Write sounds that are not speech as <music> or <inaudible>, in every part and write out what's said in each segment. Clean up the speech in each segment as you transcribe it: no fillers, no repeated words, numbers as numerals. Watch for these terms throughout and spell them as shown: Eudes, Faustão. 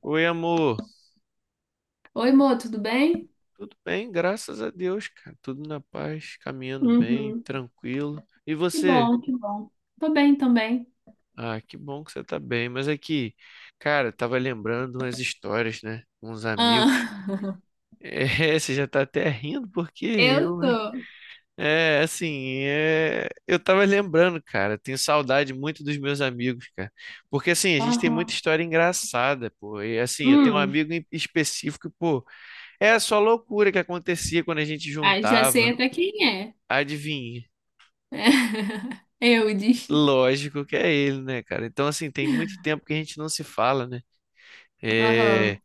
Oi, amor. Oi, Mo, tudo bem? Tudo bem? Graças a Deus, cara. Tudo na paz, caminhando bem, Uhum. tranquilo. E Que você? bom, que bom. Tô bem também. Ah, que bom que você tá bem. Mas aqui, cara, tava lembrando umas histórias, né? Uns amigos. Ah, <laughs> É, <laughs> você já tá até rindo, porque eu eu, hein? tô. Assim, eu tava lembrando, cara. Tenho saudade muito dos meus amigos, cara. Porque, assim, a gente tem muita Aham. história engraçada, pô. E, assim, eu tenho um Hum. amigo em específico, pô. É só loucura que acontecia quando a gente Ah, já sei juntava. até quem é. Adivinha? <laughs> Eudes. Lógico que é ele, né, cara? Então, assim, tem muito tempo que a gente não se fala, né? É... Aham,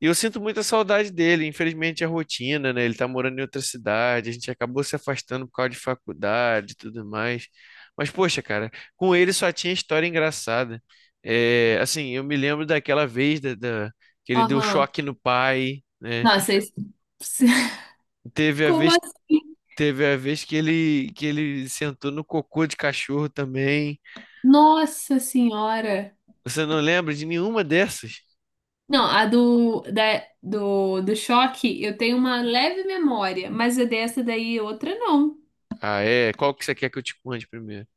E eu sinto muita saudade dele. Infelizmente, a rotina, né? Ele tá morando em outra cidade, a gente acabou se afastando por causa de faculdade e tudo mais. Mas, poxa, cara, com ele só tinha história engraçada. Assim, eu me lembro daquela vez que ele deu aham. choque no pai, né? Nossa, esse... <laughs> Teve a como vez, assim? teve a vez que ele sentou no cocô de cachorro também. Nossa Senhora! Você não lembra de nenhuma dessas? Não, a do choque, eu tenho uma leve memória, mas a dessa daí, outra não. Ah, é? Qual que você quer que eu te conte primeiro?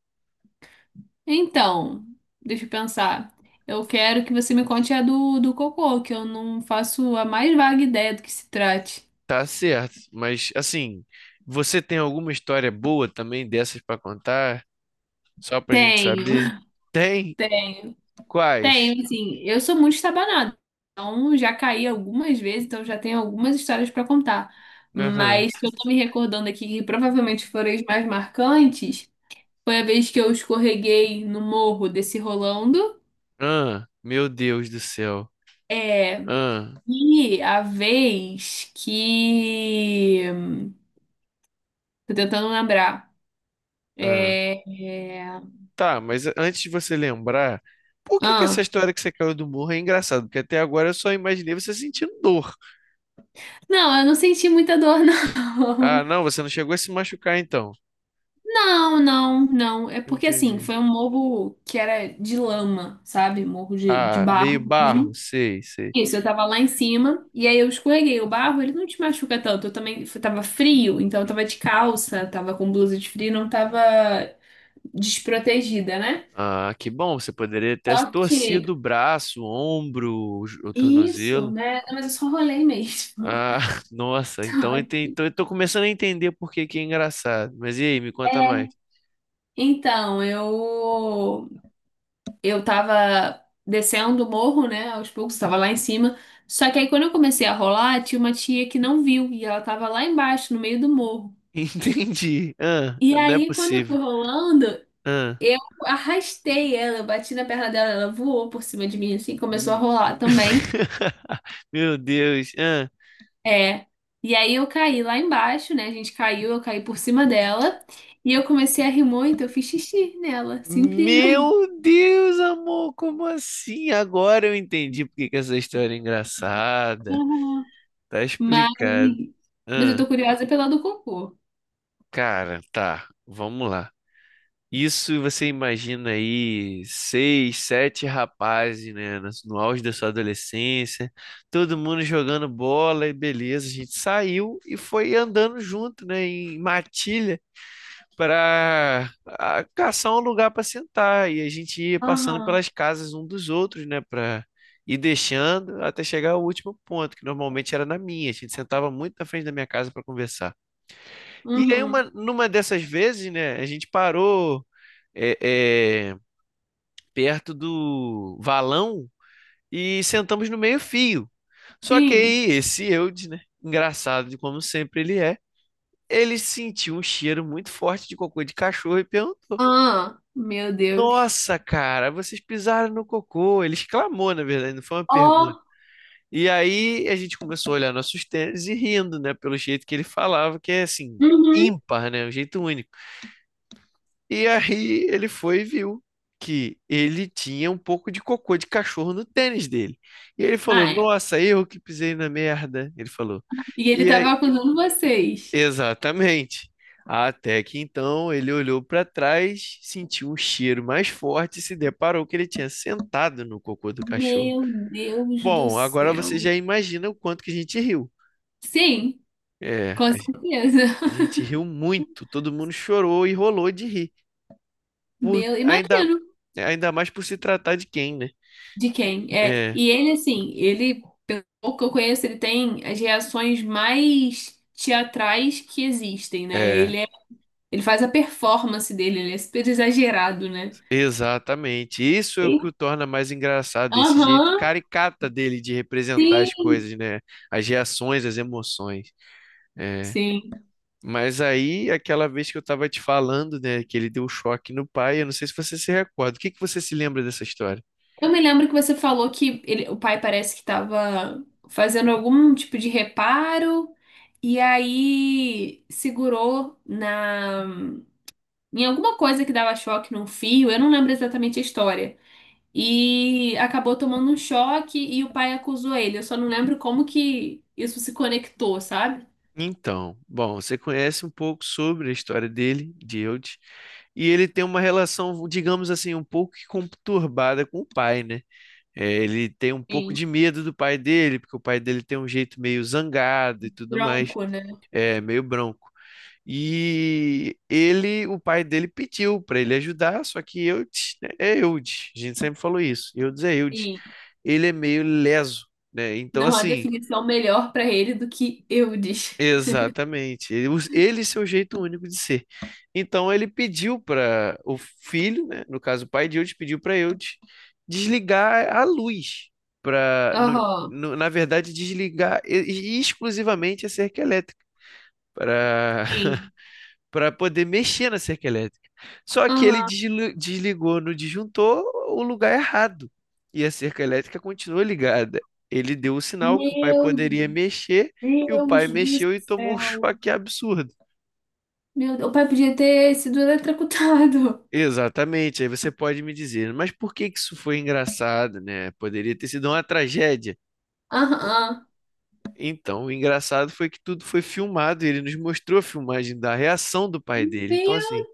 Então, deixa eu pensar. Eu quero que você me conte a do cocô, que eu não faço a mais vaga ideia do que se trate. Tá certo, mas assim, você tem alguma história boa também dessas pra contar? Só pra gente Tenho, saber? <laughs> Tem? tenho, Quais? tenho, assim. Eu sou muito estabanada, então já caí algumas vezes, então já tenho algumas histórias para contar. Aham. Mas se eu tô me recordando aqui, que provavelmente foram as mais marcantes, foi a vez que eu escorreguei no morro desse rolando. Ah, meu Deus do céu. É, Ah, e a vez que. Tô tentando lembrar. ah. É, é, Tá, mas antes de você lembrar, por que que essa ah, história que você caiu do morro é engraçada? Porque até agora eu só imaginei você sentindo dor. não, eu não senti muita dor, Ah, não. não, <laughs> você não chegou a se machucar então. Não, não, não. É porque assim, Entendi. foi um morro que era de lama, sabe? Morro de Ah, meio barro barro, mesmo. sei, sei. Isso, eu tava lá em cima e aí eu escorreguei o barro, ele não te machuca tanto. Eu também tava frio, então eu tava de calça, tava com blusa de frio, não tava desprotegida, né? Ah, que bom, você poderia ter se Só que torcido o braço, o ombro, o isso, tornozelo. né? Mas eu só rolei mesmo. Ah, <laughs> <laughs> nossa, Só então eu, que então eu tô começando a entender por que que é engraçado. Mas e aí, me conta mais. é, então, eu tava descendo o morro, né, aos poucos, tava lá em cima. Só que aí quando eu comecei a rolar, tinha uma tia que não viu e ela tava lá embaixo, no meio do morro. <laughs> Entendi. Ah, E não é aí quando eu possível. fui rolando, Ah, eu arrastei ela, eu bati na perna dela, ela voou por cima de mim assim, começou a hum. rolar também. <laughs> Meu Deus. Ah, É. E aí eu caí lá embaixo, né? A gente caiu, eu caí por cima dela e eu comecei a rir muito, eu fiz xixi nela, simplesmente. meu Deus, amor, como assim? Agora eu entendi por que que essa história é engraçada. Aham. Tá Mas, explicado. mas eu Ah, tô curiosa pela do cocô. cara, tá, vamos lá. Isso você imagina aí seis, sete rapazes, né, no auge da sua adolescência, todo mundo jogando bola e beleza. A gente saiu e foi andando junto, né, em matilha para caçar um lugar para sentar. E a gente ia passando Aham. pelas casas um dos outros, né, para ir deixando até chegar ao último ponto, que normalmente era na minha. A gente sentava muito na frente da minha casa para conversar. E aí, Uhum. numa dessas vezes, né, a gente parou. É, é, perto do valão e sentamos no meio-fio. Só que Sim. aí esse Eudes, né? Engraçado de como sempre ele é. Ele sentiu um cheiro muito forte de cocô de cachorro e perguntou: Ah, meu Deus. nossa, cara, vocês pisaram no cocô. Ele exclamou, na verdade, não foi uma pergunta. Ó, E aí a gente começou a olhar nossos tênis e rindo, né? Pelo jeito que ele falava, que é assim, uhum. ímpar, né? Um jeito único. E aí ele foi e viu que ele tinha um pouco de cocô de cachorro no tênis dele. E ele falou: Ah, é. nossa, eu que pisei na merda. Ele falou. E ele E aí, tava acusando vocês. exatamente. Até que então ele olhou para trás, sentiu um cheiro mais forte e se deparou que ele tinha sentado no cocô do cachorro. Meu Deus do Bom, agora você céu. já imagina o quanto que a gente riu. Sim, É, com certeza. a gente riu muito, todo mundo chorou e rolou de rir. Por, Meu, ainda, imagino ainda mais por se tratar de quem, né? de quem. É, É, e ele assim, ele, pelo pouco que eu conheço, ele tem as reações mais teatrais que existem, né? é, Ele é, ele faz a performance dele, ele é super exagerado, né? exatamente. Isso é o E- que o torna mais engraçado, esse jeito Aham, caricata dele de representar as sim, coisas, né? As reações, as emoções. É. sim. Mas aí, aquela vez que eu estava te falando, né, que ele deu um choque no pai, eu não sei se você se recorda. O que que você se lembra dessa história? Eu me lembro que você falou que o pai parece que estava fazendo algum tipo de reparo e aí segurou na em alguma coisa que dava choque num fio, eu não lembro exatamente a história. E acabou tomando um choque e o pai acusou ele. Eu só não lembro como que isso se conectou, sabe? Então, bom, você conhece um pouco sobre a história dele, de Eudes, e ele tem uma relação, digamos assim, um pouco que conturbada com o pai, né? É, ele tem um pouco Sim, de medo do pai dele, porque o pai dele tem um jeito meio zangado e tudo mais, bronco, né? é meio bronco. E ele, o pai dele pediu para ele ajudar, só que Eudes, né, é Eudes, a gente sempre falou isso, Eudes é Eudes. Sim. Ele é meio leso, né? Então Não há assim, definição melhor para ele do que eu Eudes. exatamente. Ele, ele e seu jeito único de ser. Então ele pediu para o filho, né, no caso o pai de Eudes, pediu para Eudes desligar a luz para, Aham. na verdade, e exclusivamente a cerca elétrica para <laughs> Sim. para poder mexer na cerca elétrica. Só que ele Aham. Desligou no disjuntor o lugar errado e a cerca elétrica continuou ligada. Ele deu o sinal que o pai Meu poderia mexer e o pai Deus do mexeu e tomou um <laughs> céu. choque absurdo. Meu Deus, o pai podia ter sido eletrocutado. Exatamente, aí você pode me dizer, mas por que que isso foi engraçado, né? Poderia ter sido uma tragédia. <laughs> Aham. Então, o engraçado foi que tudo foi filmado, e ele nos mostrou a filmagem da reação do pai dele. Então, assim, Meu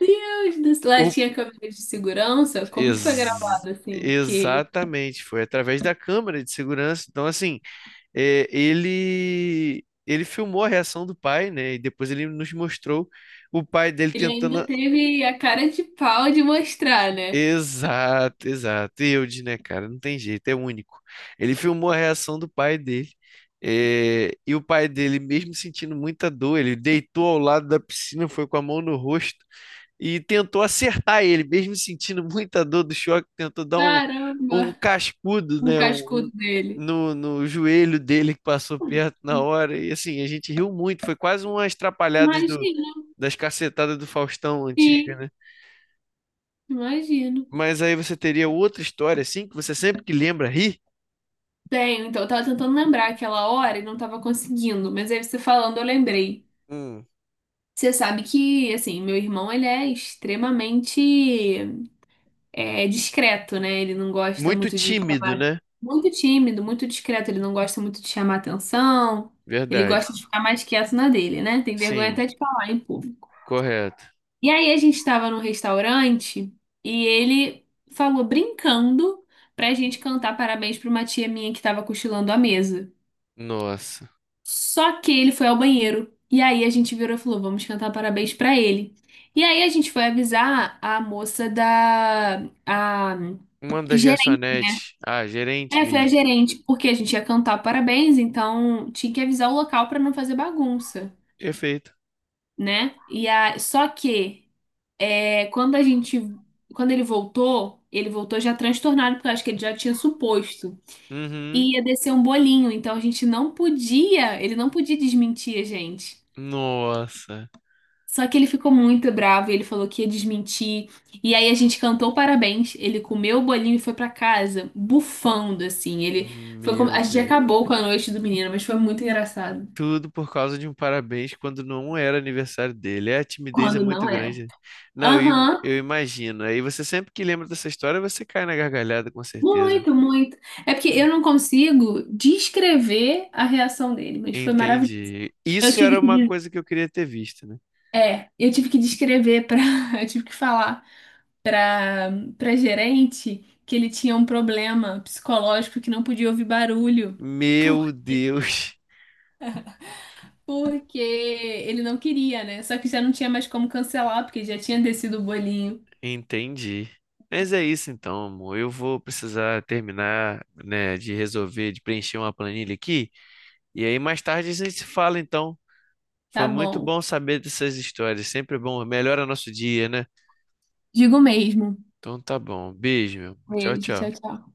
Deus do céu. Lá o tinha câmera de segurança? Como que foi gravado assim? Porque exatamente, foi através da câmera de segurança. Então, assim, é, ele filmou a reação do pai, né? E depois ele nos mostrou o pai dele ele tentando. ainda teve a cara de pau de mostrar, né? Exato, exato. E eu disse, né, cara, não tem jeito, é único. Ele filmou a reação do pai dele. É, e o pai dele, mesmo sentindo muita dor, ele deitou ao lado da piscina, foi com a mão no rosto e tentou acertar ele, mesmo sentindo <laughs> muita dor do choque, tentou dar um Caramba, cascudo, um né, cascudo dele. No joelho dele que passou perto na hora. E assim, a gente riu muito, foi quase umas trapalhadas do, Imagino, das cacetadas do Faustão antiga, sim, né? imagino. Mas aí você teria outra história, assim, que você sempre que lembra ri. Tenho, então eu tava tentando lembrar aquela hora e não tava conseguindo, mas aí você falando eu lembrei. Hum. Você sabe que, assim, meu irmão ele é extremamente discreto, né? Ele não gosta Muito muito de tímido, chamar. né? Muito tímido, muito discreto. Ele não gosta muito de chamar atenção. Ele gosta Verdade. de ficar mais quieto na dele, né? Tem vergonha Sim, até de falar em público. correto. E aí a gente estava num restaurante e ele falou brincando pra gente cantar parabéns pra uma tia minha que tava cochilando à mesa. Nossa. Só que ele foi ao banheiro. E aí a gente virou e falou: vamos cantar parabéns pra ele. E aí a gente foi avisar a moça da a Uma das gerente. garçonetes. Ah, gerente É, foi a mesmo. gerente, porque a gente ia cantar parabéns, então tinha que avisar o local pra não fazer bagunça, Perfeito. né? E a... Só que é, quando a gente. Quando ele voltou já transtornado, porque eu acho que ele já tinha suposto. Uhum. E ia descer um bolinho, então a gente não podia, ele não podia desmentir a gente. Nossa. Só que ele ficou muito bravo e ele falou que ia desmentir. E aí a gente cantou parabéns. Ele comeu o bolinho e foi pra casa, bufando assim. Ele foi como... Meu A gente Deus. acabou com a noite do menino, mas foi muito engraçado. Tudo por causa de um parabéns quando não era aniversário dele. É, a timidez é Quando muito não grande, era. né? Não, eu, Aham, eu imagino. Aí você sempre que lembra dessa história, você cai na gargalhada, com certeza. muito, muito. É porque eu Né? não consigo descrever a reação dele, mas foi maravilhoso. Entendi. Eu Isso tive era que, uma coisa que eu queria ter visto, né? Eu tive que descrever para, <laughs> eu tive que falar para para gerente que ele tinha um problema psicológico que não podia ouvir barulho. Meu Deus. Porque ele não queria, né? Só que já não tinha mais como cancelar, porque já tinha descido o bolinho. <laughs> Entendi. Mas é isso então, amor. Eu vou precisar terminar, né, de resolver, de preencher uma planilha aqui. E aí mais tarde a gente se fala, então. Foi Tá muito bom. bom saber dessas histórias. Sempre bom. Melhora nosso dia, né? Digo mesmo. Então tá bom. Beijo, meu amor. Tchau, Beijo, tchau, tchau. tchau.